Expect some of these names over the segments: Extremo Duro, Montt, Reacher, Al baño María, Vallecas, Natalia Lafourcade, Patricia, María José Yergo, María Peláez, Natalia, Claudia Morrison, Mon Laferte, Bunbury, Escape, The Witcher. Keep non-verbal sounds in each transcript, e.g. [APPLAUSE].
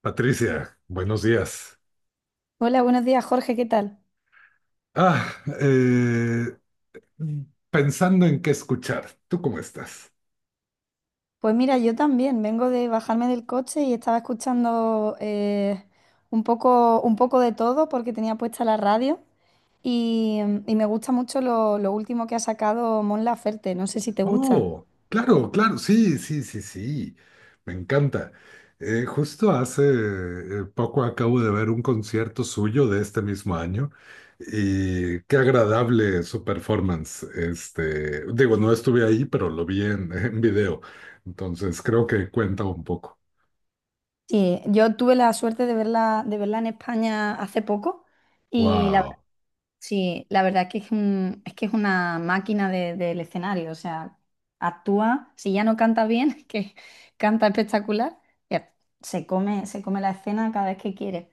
Patricia, buenos días. Hola, buenos días, Jorge, ¿qué tal? Ah, eh, pensando en qué escuchar. ¿Tú cómo estás? Pues mira, yo también vengo de bajarme del coche y estaba escuchando un poco de todo porque tenía puesta la radio y y me gusta mucho lo último que ha sacado Mon Laferte, no sé si te gusta. Oh, claro, claro, sí, sí, sí, sí. Me encanta. Justo hace poco acabo de ver un concierto suyo de este mismo año y qué agradable su performance. Este, digo, no estuve ahí, pero lo vi en, [LAUGHS] en video. Entonces creo que cuenta un poco. Sí, yo tuve la suerte de verla en España hace poco y la Wow. sí, la verdad que es que es una máquina del escenario, o sea, actúa, si ya no canta bien, [LAUGHS] que canta espectacular, ya, se come la escena cada vez que quiere.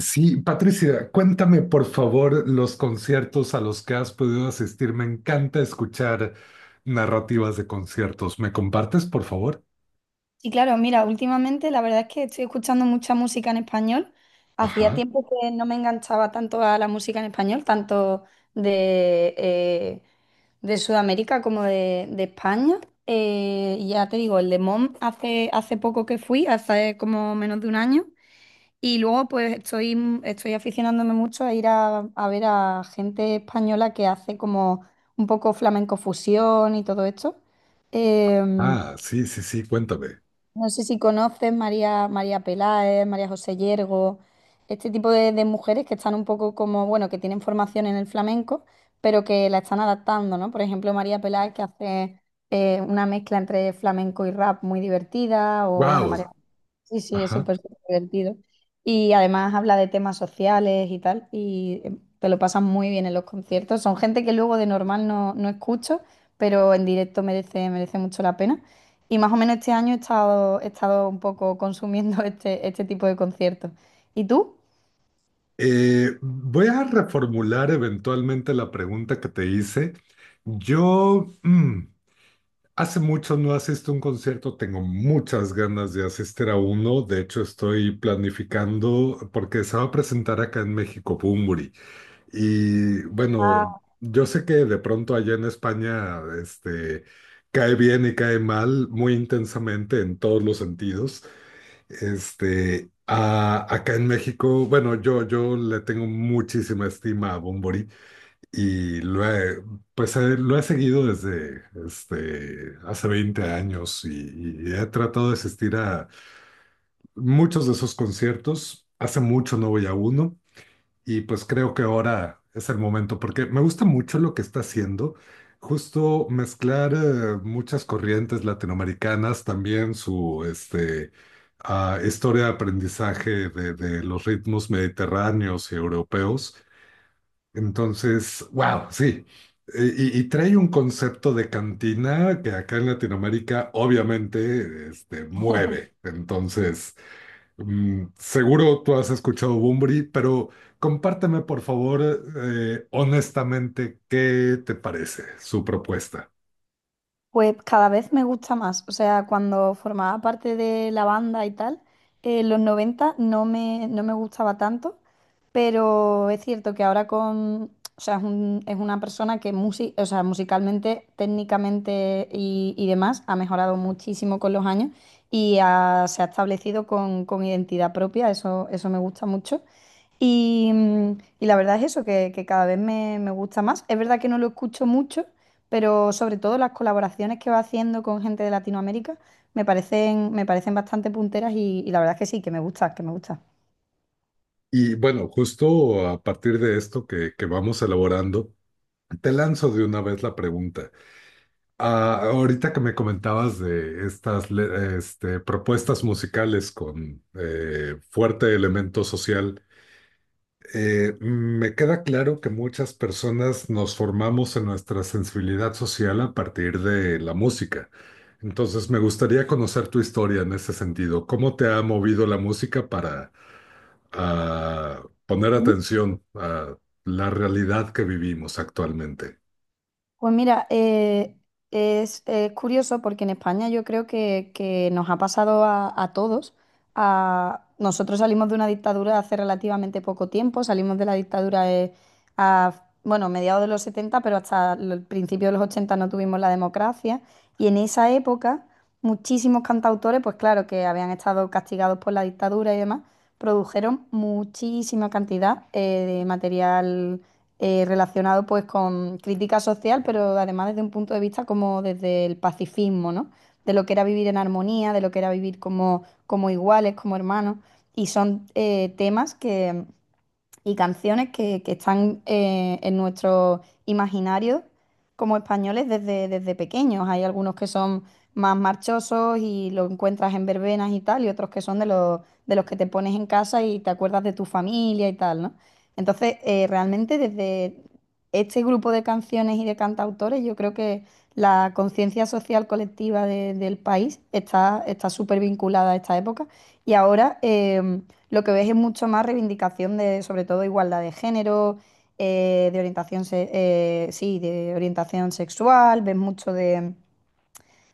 Sí, Patricia, cuéntame por favor los conciertos a los que has podido asistir. Me encanta escuchar narrativas de conciertos. ¿Me compartes, por favor? Sí, claro, mira, últimamente la verdad es que estoy escuchando mucha música en español. Hacía Ajá. tiempo que no me enganchaba tanto a la música en español, tanto de, eh, de Sudamérica como de España. Ya te digo, el de Mom hace, hace poco que fui, hace como menos de un año. Y luego pues estoy, estoy aficionándome mucho a ir a ver a gente española que hace como un poco flamenco fusión y todo esto. Em, Ah, sí, sí, sí, cuéntame. no sé si conoces María, María Peláez, María José Yergo, este tipo de mujeres que están un poco como, bueno, que tienen formación en el flamenco, pero que la están adaptando, ¿no? Por ejemplo, María Peláez que hace una mezcla entre flamenco y rap muy divertida, o bueno, Wow. María. Sí, sí, es Ajá. súper, súper divertido. Y además habla de temas sociales y tal, y te lo pasan muy bien en los conciertos. Son gente que luego de normal no, no escucho, pero en directo merece, merece mucho la pena. Y más o menos este año he estado un poco consumiendo [LAUGHS] este tipo de conciertos. ¿Y tú? Voy a reformular eventualmente la pregunta que te hice. Yo mm, hace mucho no asisto a un concierto, tengo muchas ganas de asistir a uno. De hecho, estoy planificando porque se va a presentar acá en México Bunbury. Y bueno, yo sé que de pronto allá en España, este, cae bien y cae mal muy intensamente en todos los sentidos. Este, acá en México, bueno, yo le tengo muchísima estima a Bunbury y lo he, pues, lo he seguido desde este, hace 20 años y he tratado de asistir a muchos de esos conciertos. Hace mucho no voy a uno. Y pues creo que ahora es el momento, porque me gusta mucho lo que está haciendo, justo mezclar muchas corrientes latinoamericanas, también su este, historia de aprendizaje de los ritmos mediterráneos y europeos. Entonces, wow, sí. Y, y trae un concepto de cantina que acá en Latinoamérica obviamente este, mueve. Entonces... Mm, seguro tú has escuchado Bunbury, pero compárteme por favor honestamente qué te parece su propuesta. Pues cada vez me gusta más. O sea, cuando formaba parte de la banda y tal, los 90 no me, no me gustaba tanto, pero es cierto que ahora con... O sea, es una persona o sea, musicalmente, técnicamente y demás ha mejorado muchísimo con los años y se ha establecido con identidad propia. Eso me gusta mucho. Y y la verdad es eso, que cada vez me, me gusta más. Es verdad que no lo escucho mucho, pero sobre todo las colaboraciones que va haciendo con gente de Latinoamérica me parecen bastante punteras y la verdad es que sí, que me gusta, que me gusta. Y bueno, justo a partir de esto que vamos elaborando, te lanzo de una vez la pregunta. Ah, ahorita que me comentabas de estas este, propuestas musicales con fuerte elemento social, me queda claro que muchas personas nos formamos en nuestra sensibilidad social a partir de la música. Entonces, me gustaría conocer tu historia en ese sentido. ¿Cómo te ha movido la música para poner atención a la realidad que vivimos actualmente? Pues mira, es curioso porque en España yo creo que nos ha pasado a todos. Nosotros salimos de una dictadura hace relativamente poco tiempo, salimos de la dictadura a, bueno, mediados de los 70, pero hasta el principio de los 80 no tuvimos la democracia. Y en esa época, muchísimos cantautores, pues claro, que habían estado castigados por la dictadura y demás, produjeron muchísima cantidad de material relacionado pues con crítica social, pero además desde un punto de vista como desde el pacifismo, ¿no? De lo que era vivir en armonía, de lo que era vivir como, como iguales, como hermanos. Y son temas que y canciones que están en nuestro imaginario como españoles desde, desde pequeños. Hay algunos que son más marchosos y lo encuentras en verbenas y tal, y otros que son de los que te pones en casa y te acuerdas de tu familia y tal, ¿no? Entonces, realmente desde este grupo de canciones y de cantautores, yo creo que la conciencia social colectiva del país está está súper vinculada a esta época. Y ahora, lo que ves es mucho más reivindicación de, sobre todo, igualdad de género, de orientación, sí, de orientación sexual, ves mucho de,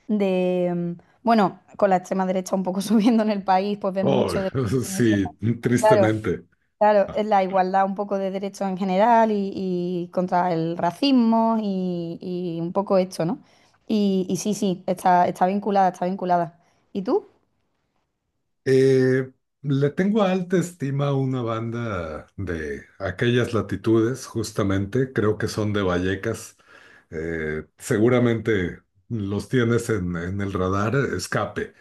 de, mm, bueno, con la extrema derecha un poco [LAUGHS] subiendo en el país, pues ves Oh, mucho de... [LAUGHS] sí, Claro, tristemente. claro, es la igualdad un poco de derechos en general y contra el racismo y un poco esto, ¿no? Y sí, sí, está, está vinculada, está vinculada. ¿Y tú? Eh, le tengo alta estima a una banda de aquellas latitudes, justamente, creo que son de Vallecas. Seguramente los tienes en el radar, Escape.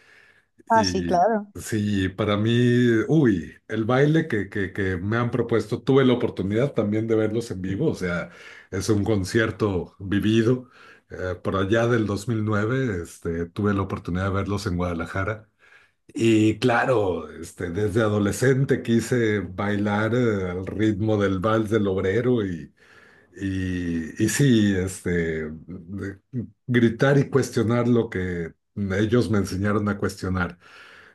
Ah, sí, Y claro. sí, para mí, uy, el baile que me han propuesto, tuve la oportunidad también de verlos en vivo, o sea, es un concierto vivido. Por allá del 2009, este, tuve la oportunidad de verlos en Guadalajara. Y claro, este, desde adolescente quise bailar al ritmo del vals del obrero y, y sí, este, gritar y cuestionar lo que ellos me enseñaron a cuestionar.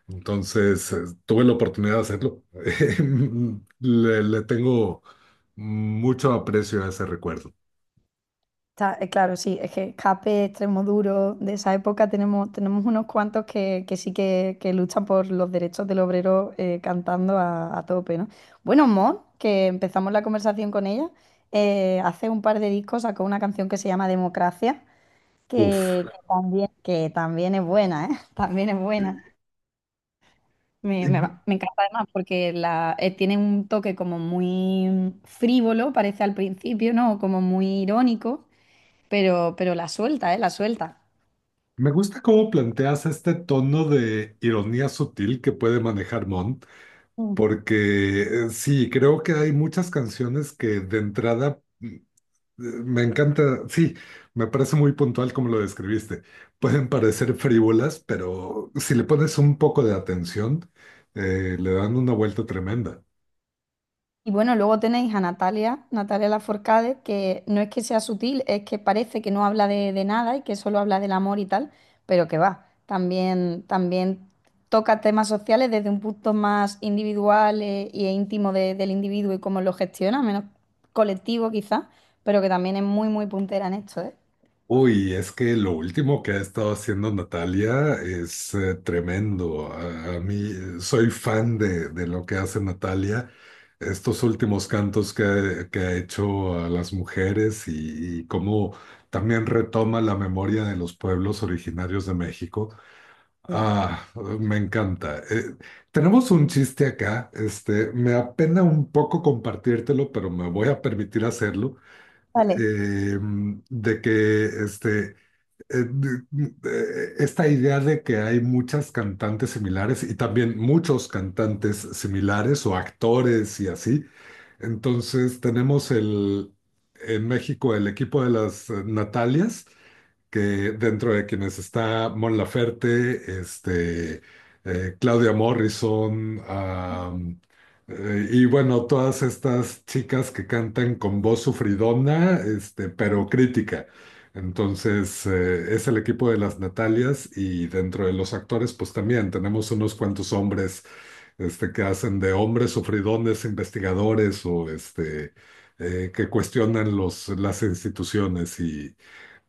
Entonces, tuve la oportunidad de hacerlo. [LAUGHS] Le tengo mucho aprecio a ese recuerdo. Claro, sí, es que Escape, Extremo Duro, de esa época tenemos, tenemos unos cuantos que sí que luchan por los derechos del obrero cantando a tope, ¿no? Bueno, Mon, que empezamos la conversación con ella, hace un par de discos sacó una canción que se llama Democracia, Uf. Que también es buena, ¿eh? [LAUGHS] También es Y buena. Me encanta además porque la, tiene un toque como muy frívolo, parece al principio, ¿no? Como muy irónico pero la suelta, ¿eh? La suelta. me gusta cómo planteas este tono de ironía sutil que puede manejar Montt. Ujú. Porque sí, creo que hay muchas canciones que de entrada me encanta, sí, me parece muy puntual como lo describiste. Pueden parecer frívolas, pero si le pones un poco de atención, le dan una vuelta tremenda. Y bueno, luego tenéis a Natalia, Natalia Lafourcade, que no es que sea sutil, es que parece que no habla de nada y que solo habla del amor y tal, pero que va, también, también toca temas sociales desde un punto más individual e íntimo del individuo y cómo lo gestiona, menos colectivo quizás, pero que también es muy, muy puntera en esto, ¿eh? Uy, es que lo último que ha estado haciendo Natalia es tremendo. A mí soy fan de lo que hace Natalia. Estos últimos cantos que ha hecho a las mujeres y cómo también retoma la memoria de los pueblos originarios de México. Ah, me encanta. Tenemos un chiste acá. Este, me apena un poco compartírtelo, pero me voy a permitir hacerlo. Vale. eh, de que este eh, esta idea de que hay muchas cantantes similares y también muchos cantantes similares o actores y así. Entonces tenemos el, en México el equipo de las Natalias que dentro de quienes está Mon Laferte, este, Claudia Morrison, y bueno, todas estas chicas que cantan con voz sufridona, este, pero crítica. Entonces, es el equipo de las Natalias y dentro de los actores, pues también tenemos unos cuantos hombres este, que hacen de hombres sufridones, investigadores o este, que cuestionan los, las instituciones y,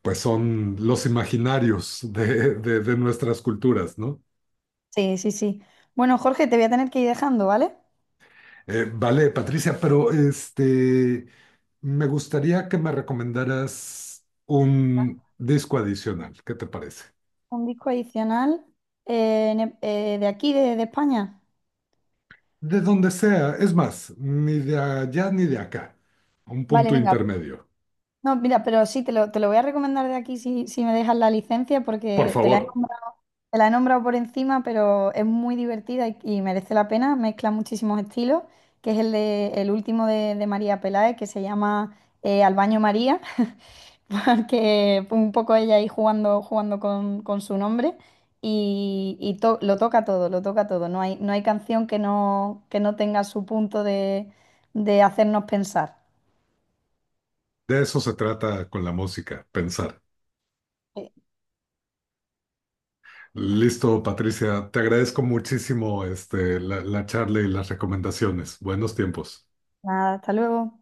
pues son los imaginarios de, de nuestras culturas, ¿no? Sí, sí, sí. Bueno, Jorge, te voy a tener que ir dejando, ¿vale? Vale, Patricia, pero este, me gustaría que me recomendaras un disco adicional, ¿qué te parece? Un disco adicional de aquí, de España. De donde sea, es más, ni de allá ni de acá, un Vale, sí, punto venga. intermedio. No, mira, pero sí, te lo voy a recomendar de aquí si, si me dejas la licencia, Por porque te la favor, he nombrado, te la he nombrado por encima, pero es muy divertida y merece la pena. Mezcla muchísimos estilos, que es el, de, el último de María Peláez, que se llama Al baño María. [LAUGHS] [LAUGHS] Porque fue un poco ella ahí jugando, jugando con su nombre y, lo toca todo, lo toca todo. No hay, no hay canción que no tenga su punto de hacernos pensar. de eso se trata con la música, pensar. Eh, Listo, Patricia, te agradezco muchísimo este, la charla y las recomendaciones. Buenos tiempos. Nada, hasta luego.